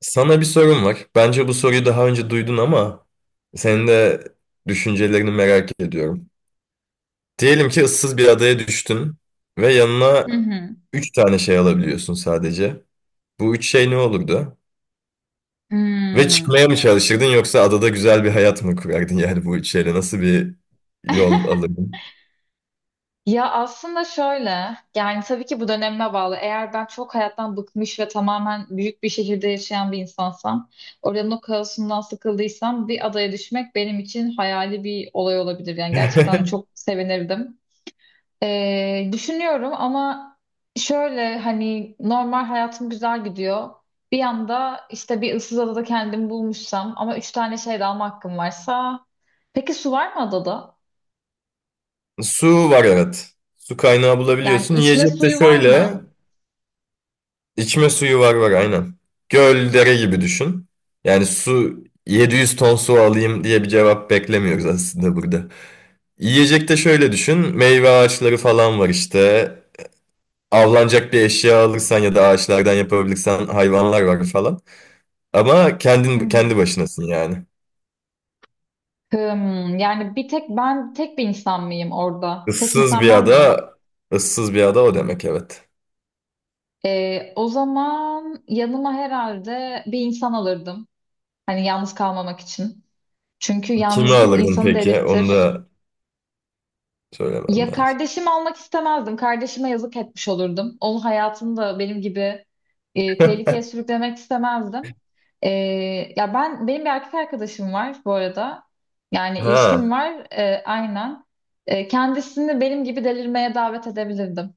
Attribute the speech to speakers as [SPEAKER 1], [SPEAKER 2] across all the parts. [SPEAKER 1] Sana bir sorum var. Bence bu soruyu daha önce duydun ama senin de düşüncelerini merak ediyorum. Diyelim ki ıssız bir adaya düştün ve yanına
[SPEAKER 2] Hı hı.
[SPEAKER 1] 3 tane şey alabiliyorsun sadece. Bu 3 şey ne olurdu? Ve
[SPEAKER 2] Hmm.
[SPEAKER 1] çıkmaya mı çalışırdın yoksa adada güzel bir hayat mı kurardın yani bu üç şeyle? Nasıl bir yol alırdın?
[SPEAKER 2] Ya aslında şöyle, yani tabii ki bu dönemime bağlı. Eğer ben çok hayattan bıkmış ve tamamen büyük bir şehirde yaşayan bir insansam, oranın o kaosundan sıkıldıysam bir adaya düşmek benim için hayali bir olay olabilir. Yani gerçekten çok sevinirdim. Düşünüyorum ama şöyle hani normal hayatım güzel gidiyor. Bir yanda işte bir ıssız adada kendimi bulmuşsam ama üç tane şey de alma hakkım varsa. Peki su var mı adada?
[SPEAKER 1] Su var evet. Su kaynağı
[SPEAKER 2] Yani
[SPEAKER 1] bulabiliyorsun.
[SPEAKER 2] içme
[SPEAKER 1] Yiyecek de
[SPEAKER 2] suyu var
[SPEAKER 1] şöyle.
[SPEAKER 2] mı?
[SPEAKER 1] İçme suyu var var aynen. Göl, dere gibi düşün. Yani su 700 ton su alayım diye bir cevap beklemiyoruz aslında burada. Yiyecek de şöyle düşün. Meyve ağaçları falan var işte. Avlanacak bir eşya alırsan ya da ağaçlardan yapabilirsen hayvanlar var falan. Ama kendin
[SPEAKER 2] Hı hı.
[SPEAKER 1] kendi başınasın yani.
[SPEAKER 2] Yani bir tek ben tek bir insan mıyım orada? Tek
[SPEAKER 1] Issız
[SPEAKER 2] insan
[SPEAKER 1] bir
[SPEAKER 2] ben miyim?
[SPEAKER 1] ada, ıssız bir ada o demek evet.
[SPEAKER 2] O zaman yanıma herhalde bir insan alırdım. Hani yalnız kalmamak için. Çünkü
[SPEAKER 1] Kimi
[SPEAKER 2] yalnızlık
[SPEAKER 1] alırdın
[SPEAKER 2] insanı
[SPEAKER 1] peki? Onu
[SPEAKER 2] delirtir.
[SPEAKER 1] da söylemen
[SPEAKER 2] Ya
[SPEAKER 1] lazım.
[SPEAKER 2] kardeşim almak istemezdim. Kardeşime yazık etmiş olurdum. Onun hayatını da benim gibi tehlikeye sürüklemek istemezdim. E, ya benim bir erkek arkadaşım var bu arada. Yani ilişkim
[SPEAKER 1] Ha,
[SPEAKER 2] var aynen. Kendisini benim gibi delirmeye davet edebilirdim.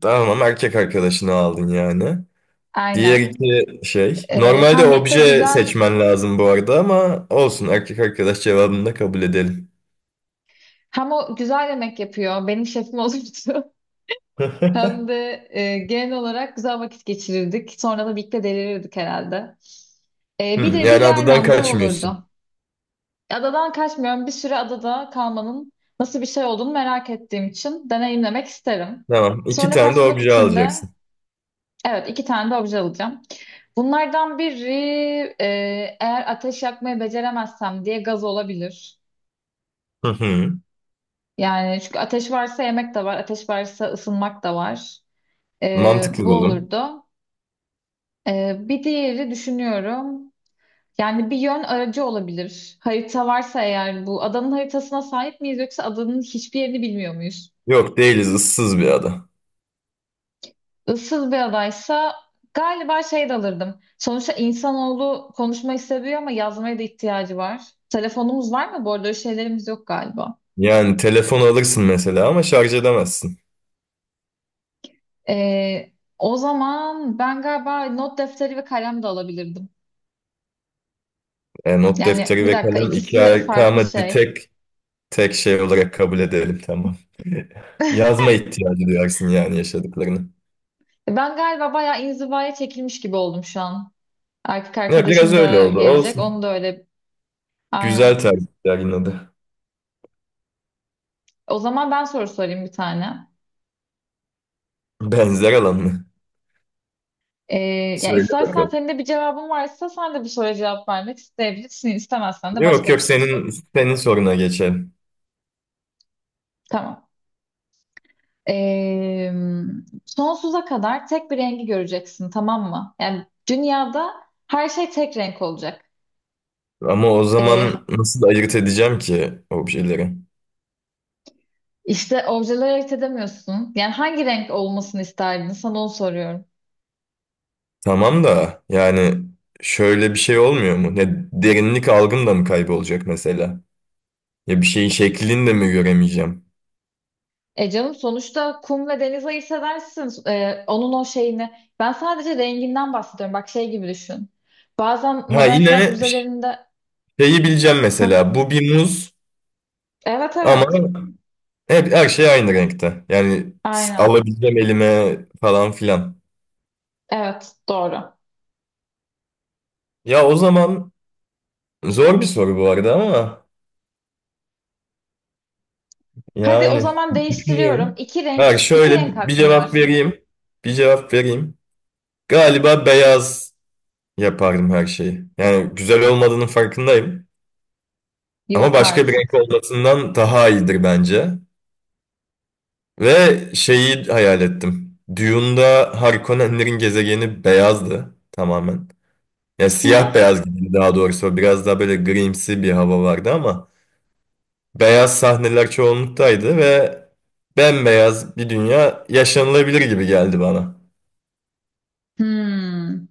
[SPEAKER 1] tamam erkek arkadaşını aldın yani. Diğer
[SPEAKER 2] Aynen.
[SPEAKER 1] iki şey. Normalde
[SPEAKER 2] Hem birlikte
[SPEAKER 1] obje
[SPEAKER 2] güzel
[SPEAKER 1] seçmen lazım bu arada ama olsun erkek arkadaş cevabını da kabul edelim.
[SPEAKER 2] hem o güzel yemek yapıyor. Benim şefim olurdu. Hem de genel olarak güzel vakit geçirirdik. Sonra da birlikte delirirdik herhalde. E, bir de bir
[SPEAKER 1] Yani
[SPEAKER 2] de
[SPEAKER 1] adadan
[SPEAKER 2] aynen bu
[SPEAKER 1] kaçmıyorsun.
[SPEAKER 2] olurdu. Adadan kaçmıyorum. Bir süre adada kalmanın nasıl bir şey olduğunu merak ettiğim için deneyimlemek isterim.
[SPEAKER 1] Tamam. iki
[SPEAKER 2] Sonra
[SPEAKER 1] tane de
[SPEAKER 2] kaçmak
[SPEAKER 1] obje
[SPEAKER 2] için de
[SPEAKER 1] alacaksın.
[SPEAKER 2] evet iki tane de obje alacağım. Bunlardan biri e, eğer ateş yakmayı beceremezsem diye gaz olabilir.
[SPEAKER 1] Hı hı.
[SPEAKER 2] Yani çünkü ateş varsa yemek de var, ateş varsa ısınmak da var.
[SPEAKER 1] Mantıklı
[SPEAKER 2] Bu
[SPEAKER 1] buldum.
[SPEAKER 2] olurdu. Bir diğeri düşünüyorum. Yani bir yön aracı olabilir. Harita varsa eğer bu adanın haritasına sahip miyiz yoksa adanın hiçbir yerini bilmiyor muyuz?
[SPEAKER 1] Yok değiliz, ıssız bir ada.
[SPEAKER 2] Issız bir adaysa galiba şey de alırdım. Sonuçta insanoğlu konuşmayı seviyor ama yazmaya da ihtiyacı var. Telefonumuz var mı? Bu arada öyle şeylerimiz yok galiba.
[SPEAKER 1] Yani telefon alırsın mesela ama şarj edemezsin.
[SPEAKER 2] Ee, o zaman ben galiba not defteri ve kalem de alabilirdim.
[SPEAKER 1] E, not
[SPEAKER 2] Yani
[SPEAKER 1] defteri
[SPEAKER 2] bir
[SPEAKER 1] ve
[SPEAKER 2] dakika
[SPEAKER 1] kalem
[SPEAKER 2] ikisi farklı
[SPEAKER 1] tamam hadi
[SPEAKER 2] şey.
[SPEAKER 1] tek tek şey olarak kabul edelim tamam. Yazma ihtiyacı duyarsın yani yaşadıklarını.
[SPEAKER 2] Ben galiba bayağı inzivaya çekilmiş gibi oldum şu an. Erkek
[SPEAKER 1] Ya, biraz
[SPEAKER 2] arkadaşım
[SPEAKER 1] öyle
[SPEAKER 2] da
[SPEAKER 1] oldu.
[SPEAKER 2] gelecek.
[SPEAKER 1] Olsun.
[SPEAKER 2] Onu da öyle
[SPEAKER 1] Güzel
[SPEAKER 2] aynen.
[SPEAKER 1] tercihler yine de.
[SPEAKER 2] O zaman ben soru sorayım bir tane.
[SPEAKER 1] Benzer alan mı?
[SPEAKER 2] Ee, ya
[SPEAKER 1] Söyle
[SPEAKER 2] istersen
[SPEAKER 1] bakalım.
[SPEAKER 2] senin de bir cevabın varsa sen de bu soruya cevap vermek isteyebilirsin. İstemezsen de
[SPEAKER 1] Yok
[SPEAKER 2] başka bir
[SPEAKER 1] yok,
[SPEAKER 2] soru sor.
[SPEAKER 1] senin soruna geçelim.
[SPEAKER 2] Tamam. Ee, sonsuza kadar tek bir rengi göreceksin, tamam mı? Yani dünyada her şey tek renk olacak.
[SPEAKER 1] Ama o
[SPEAKER 2] Ee,
[SPEAKER 1] zaman nasıl ayırt edeceğim ki objeleri?
[SPEAKER 2] işte objeleri ayırt edemiyorsun. Yani hangi renk olmasını isterdin? Sana onu soruyorum.
[SPEAKER 1] Tamam da yani şöyle bir şey olmuyor mu? Ne derinlik algım da mı kaybolacak mesela? Ya bir şeyin şeklini de mi göremeyeceğim?
[SPEAKER 2] Canım sonuçta kum ve deniz ayırt edersin. Onun o şeyini. Ben sadece renginden bahsediyorum. Bak şey gibi düşün. Bazen
[SPEAKER 1] Ha,
[SPEAKER 2] modern sanat
[SPEAKER 1] yine
[SPEAKER 2] müzelerinde...
[SPEAKER 1] şeyi bileceğim
[SPEAKER 2] Hah,
[SPEAKER 1] mesela. Bu bir muz
[SPEAKER 2] evet
[SPEAKER 1] ama
[SPEAKER 2] evet.
[SPEAKER 1] hep her şey aynı renkte. Yani
[SPEAKER 2] Aynen.
[SPEAKER 1] alabileceğim elime falan filan.
[SPEAKER 2] Evet doğru.
[SPEAKER 1] Ya o zaman. Zor bir soru bu arada ama
[SPEAKER 2] Hadi o
[SPEAKER 1] yani
[SPEAKER 2] zaman değiştiriyorum.
[SPEAKER 1] düşünüyorum.
[SPEAKER 2] İki renk,
[SPEAKER 1] Ha,
[SPEAKER 2] iki renk
[SPEAKER 1] şöyle bir
[SPEAKER 2] hakkın var.
[SPEAKER 1] cevap vereyim. Bir cevap vereyim. Galiba beyaz yapardım her şeyi. Yani güzel olmadığının farkındayım. Ama
[SPEAKER 2] Yok
[SPEAKER 1] başka bir
[SPEAKER 2] artık.
[SPEAKER 1] renk olmasından daha iyidir bence. Ve şeyi hayal ettim. Dune'da Harkonnenlerin gezegeni beyazdı tamamen. Ya siyah beyaz gibi daha doğrusu. Biraz daha böyle grimsi bir hava vardı ama. Beyaz sahneler çoğunluktaydı ve bembeyaz bir dünya yaşanılabilir gibi geldi bana.
[SPEAKER 2] Hmm.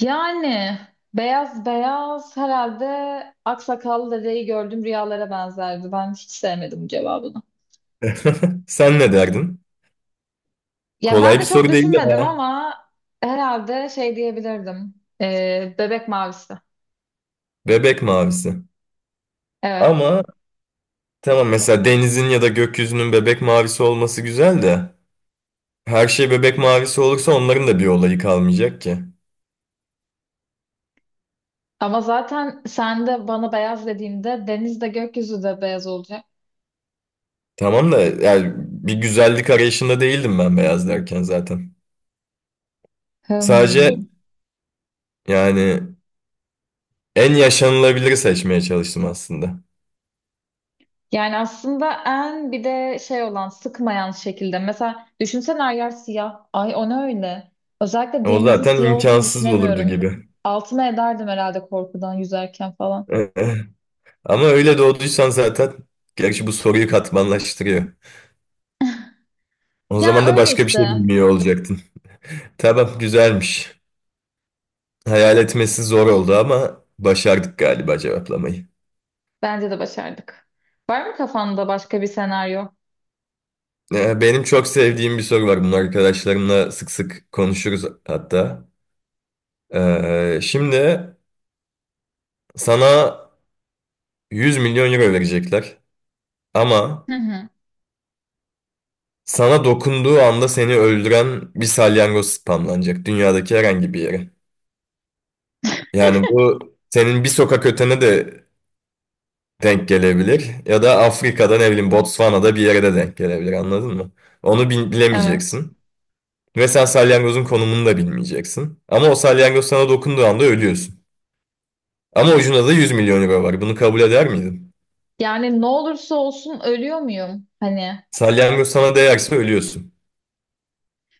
[SPEAKER 2] Yani beyaz beyaz herhalde aksakallı dedeyi gördüm rüyalara benzerdi. Ben hiç sevmedim bu cevabını.
[SPEAKER 1] Sen ne derdin?
[SPEAKER 2] Ya
[SPEAKER 1] Kolay
[SPEAKER 2] ben de
[SPEAKER 1] bir
[SPEAKER 2] çok
[SPEAKER 1] soru değil
[SPEAKER 2] düşünmedim
[SPEAKER 1] ya.
[SPEAKER 2] ama herhalde şey diyebilirdim. Bebek mavisi.
[SPEAKER 1] Bebek mavisi.
[SPEAKER 2] Evet.
[SPEAKER 1] Ama tamam, mesela denizin ya da gökyüzünün bebek mavisi olması güzel de her şey bebek mavisi olursa onların da bir olayı kalmayacak ki.
[SPEAKER 2] Ama zaten sen de bana beyaz dediğinde deniz de gökyüzü de beyaz olacak.
[SPEAKER 1] Tamam da yani bir güzellik arayışında değildim ben beyaz derken zaten. Sadece
[SPEAKER 2] Hmm.
[SPEAKER 1] yani en yaşanılabiliri seçmeye çalıştım aslında.
[SPEAKER 2] Yani aslında en bir de şey olan sıkmayan şekilde. Mesela düşünsene her yer siyah. Ay o ne öyle? Özellikle
[SPEAKER 1] O
[SPEAKER 2] denizin
[SPEAKER 1] zaten
[SPEAKER 2] siyah olduğunu
[SPEAKER 1] imkansız olurdu
[SPEAKER 2] düşünemiyorum.
[SPEAKER 1] gibi.
[SPEAKER 2] Altıma ederdim herhalde korkudan yüzerken falan.
[SPEAKER 1] Ama öyle doğduysan zaten, gerçi bu soruyu katmanlaştırıyor. O
[SPEAKER 2] Ya
[SPEAKER 1] zaman da
[SPEAKER 2] öyle
[SPEAKER 1] başka bir şey
[SPEAKER 2] işte.
[SPEAKER 1] bilmiyor olacaktın. Tamam, güzelmiş. Hayal etmesi zor oldu ama başardık galiba cevaplamayı.
[SPEAKER 2] Bence de başardık. Var mı kafanda başka bir senaryo?
[SPEAKER 1] Benim çok sevdiğim bir soru var. Bunu arkadaşlarımla sık sık konuşuruz hatta. Şimdi sana 100 milyon euro verecekler ama
[SPEAKER 2] Hı hı.
[SPEAKER 1] sana dokunduğu anda seni öldüren bir salyangoz spamlanacak dünyadaki herhangi bir yere. Yani bu senin bir sokak ötene de denk gelebilir. Ya da Afrika'da ne bileyim Botswana'da bir yere de denk gelebilir, anladın mı?
[SPEAKER 2] Evet.
[SPEAKER 1] Bilemeyeceksin. Ve sen salyangozun konumunu da bilmeyeceksin. Ama o salyangoz sana dokunduğu anda ölüyorsun. Ama ucunda da 100 milyon euro var. Bunu kabul eder miydin?
[SPEAKER 2] Yani ne olursa olsun ölüyor muyum? Hani.
[SPEAKER 1] Salyangoz sana değerse ölüyorsun.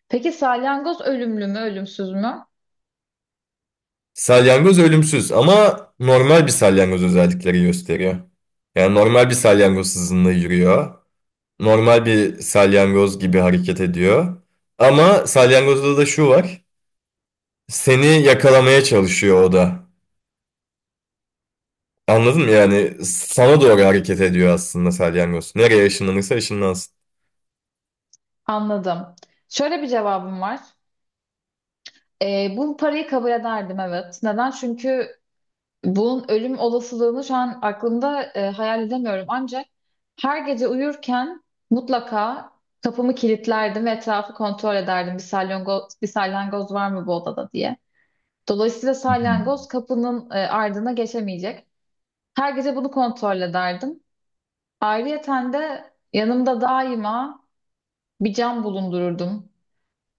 [SPEAKER 2] Peki salyangoz ölümlü mü, ölümsüz mü?
[SPEAKER 1] Salyangoz ölümsüz ama normal bir salyangoz özellikleri gösteriyor. Yani normal bir salyangoz hızında yürüyor. Normal bir salyangoz gibi hareket ediyor. Ama salyangozda da şu var. Seni yakalamaya çalışıyor o da. Anladın mı? Yani sana doğru hareket ediyor aslında salyangoz. Nereye ışınlanırsa ışınlansın.
[SPEAKER 2] Anladım. Şöyle bir cevabım var. Bu parayı kabul ederdim evet. Neden? Çünkü bunun ölüm olasılığını şu an aklımda hayal edemiyorum. Ancak her gece uyurken mutlaka kapımı kilitlerdim ve etrafı kontrol ederdim. Bir salyangoz var mı bu odada diye. Dolayısıyla
[SPEAKER 1] Hı hı.
[SPEAKER 2] salyangoz kapının ardına geçemeyecek. Her gece bunu kontrol ederdim. Ayrıyeten de yanımda daima bir cam bulundururdum.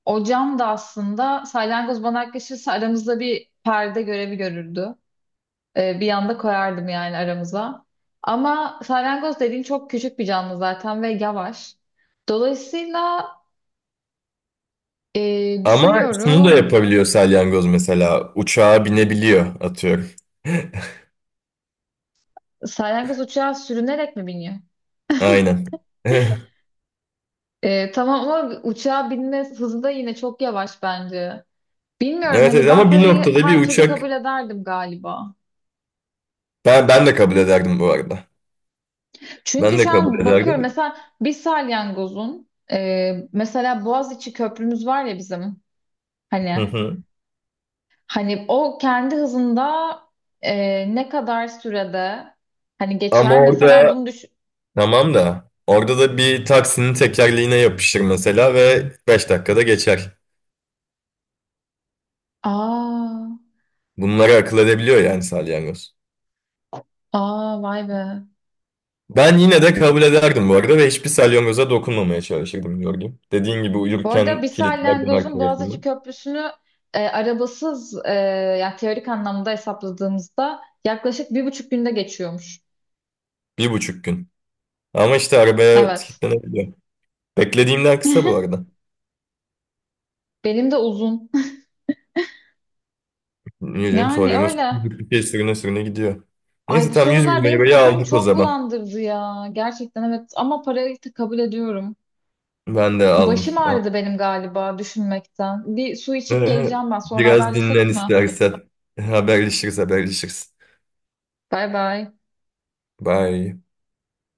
[SPEAKER 2] O cam da aslında salyangoz bana yaklaşırsa aramızda bir perde görevi görürdü. Bir yanda koyardım yani aramıza. Ama salyangoz dediğin çok küçük bir canlı zaten ve yavaş. Dolayısıyla
[SPEAKER 1] Ama şunu da
[SPEAKER 2] düşünüyorum
[SPEAKER 1] yapabiliyor salyangoz mesela. Uçağa binebiliyor atıyorum.
[SPEAKER 2] salyangoz uçağa sürünerek mi biniyor?
[SPEAKER 1] Aynen.
[SPEAKER 2] Tamam ama uçağa binme hızı da yine çok yavaş bence. Bilmiyorum
[SPEAKER 1] Evet, evet,
[SPEAKER 2] hani ben
[SPEAKER 1] ama bir
[SPEAKER 2] parayı
[SPEAKER 1] noktada bir
[SPEAKER 2] her türlü
[SPEAKER 1] uçak,
[SPEAKER 2] kabul ederdim galiba.
[SPEAKER 1] ben de kabul ederdim bu arada. Ben
[SPEAKER 2] Çünkü
[SPEAKER 1] de
[SPEAKER 2] şu
[SPEAKER 1] kabul
[SPEAKER 2] an bakıyorum
[SPEAKER 1] ederdim.
[SPEAKER 2] mesela bir salyangozun mesela Boğaziçi Köprümüz var ya bizim
[SPEAKER 1] Hı
[SPEAKER 2] hani
[SPEAKER 1] hı.
[SPEAKER 2] hani o kendi hızında ne kadar sürede hani
[SPEAKER 1] Ama
[SPEAKER 2] geçer mesela
[SPEAKER 1] orada
[SPEAKER 2] bunu
[SPEAKER 1] Tamam da orada da bir taksinin tekerleğine yapışır mesela ve 5 dakikada geçer.
[SPEAKER 2] aa
[SPEAKER 1] Bunları akıl edebiliyor yani salyangoz.
[SPEAKER 2] aa vay be.
[SPEAKER 1] Ben yine de kabul ederdim bu arada ve hiçbir salyangoza dokunmamaya çalışırdım Jorgim. Dediğin gibi
[SPEAKER 2] Bu arada
[SPEAKER 1] uyurken
[SPEAKER 2] bir
[SPEAKER 1] kilitlerdim her
[SPEAKER 2] salyangozun Boğaziçi
[SPEAKER 1] tarafını.
[SPEAKER 2] Köprüsü'nü arabasız yani teorik anlamda hesapladığımızda yaklaşık bir buçuk günde geçiyormuş.
[SPEAKER 1] 1,5 gün. Ama işte arabaya
[SPEAKER 2] Evet.
[SPEAKER 1] kilitlenebiliyor. Beklediğimden kısa bu arada.
[SPEAKER 2] Benim de uzun.
[SPEAKER 1] Niye canım,
[SPEAKER 2] Yani
[SPEAKER 1] salyangoz
[SPEAKER 2] öyle.
[SPEAKER 1] bir şey, sürüne sürüne gidiyor.
[SPEAKER 2] Ay
[SPEAKER 1] Neyse
[SPEAKER 2] bu
[SPEAKER 1] tam
[SPEAKER 2] sorular
[SPEAKER 1] 100
[SPEAKER 2] benim
[SPEAKER 1] bin lirayı
[SPEAKER 2] kafamı
[SPEAKER 1] aldık o
[SPEAKER 2] çok
[SPEAKER 1] zaman.
[SPEAKER 2] bulandırdı ya. Gerçekten evet ama parayı da kabul ediyorum.
[SPEAKER 1] Ben de
[SPEAKER 2] Başım
[SPEAKER 1] aldım.
[SPEAKER 2] ağrıdı benim galiba düşünmekten. Bir su içip geleceğim ben. Sonra
[SPEAKER 1] Biraz
[SPEAKER 2] haberleşelim
[SPEAKER 1] dinlen
[SPEAKER 2] mi?
[SPEAKER 1] istersen. Haberleşiriz, haberleşiriz.
[SPEAKER 2] Bay bay.
[SPEAKER 1] Bye.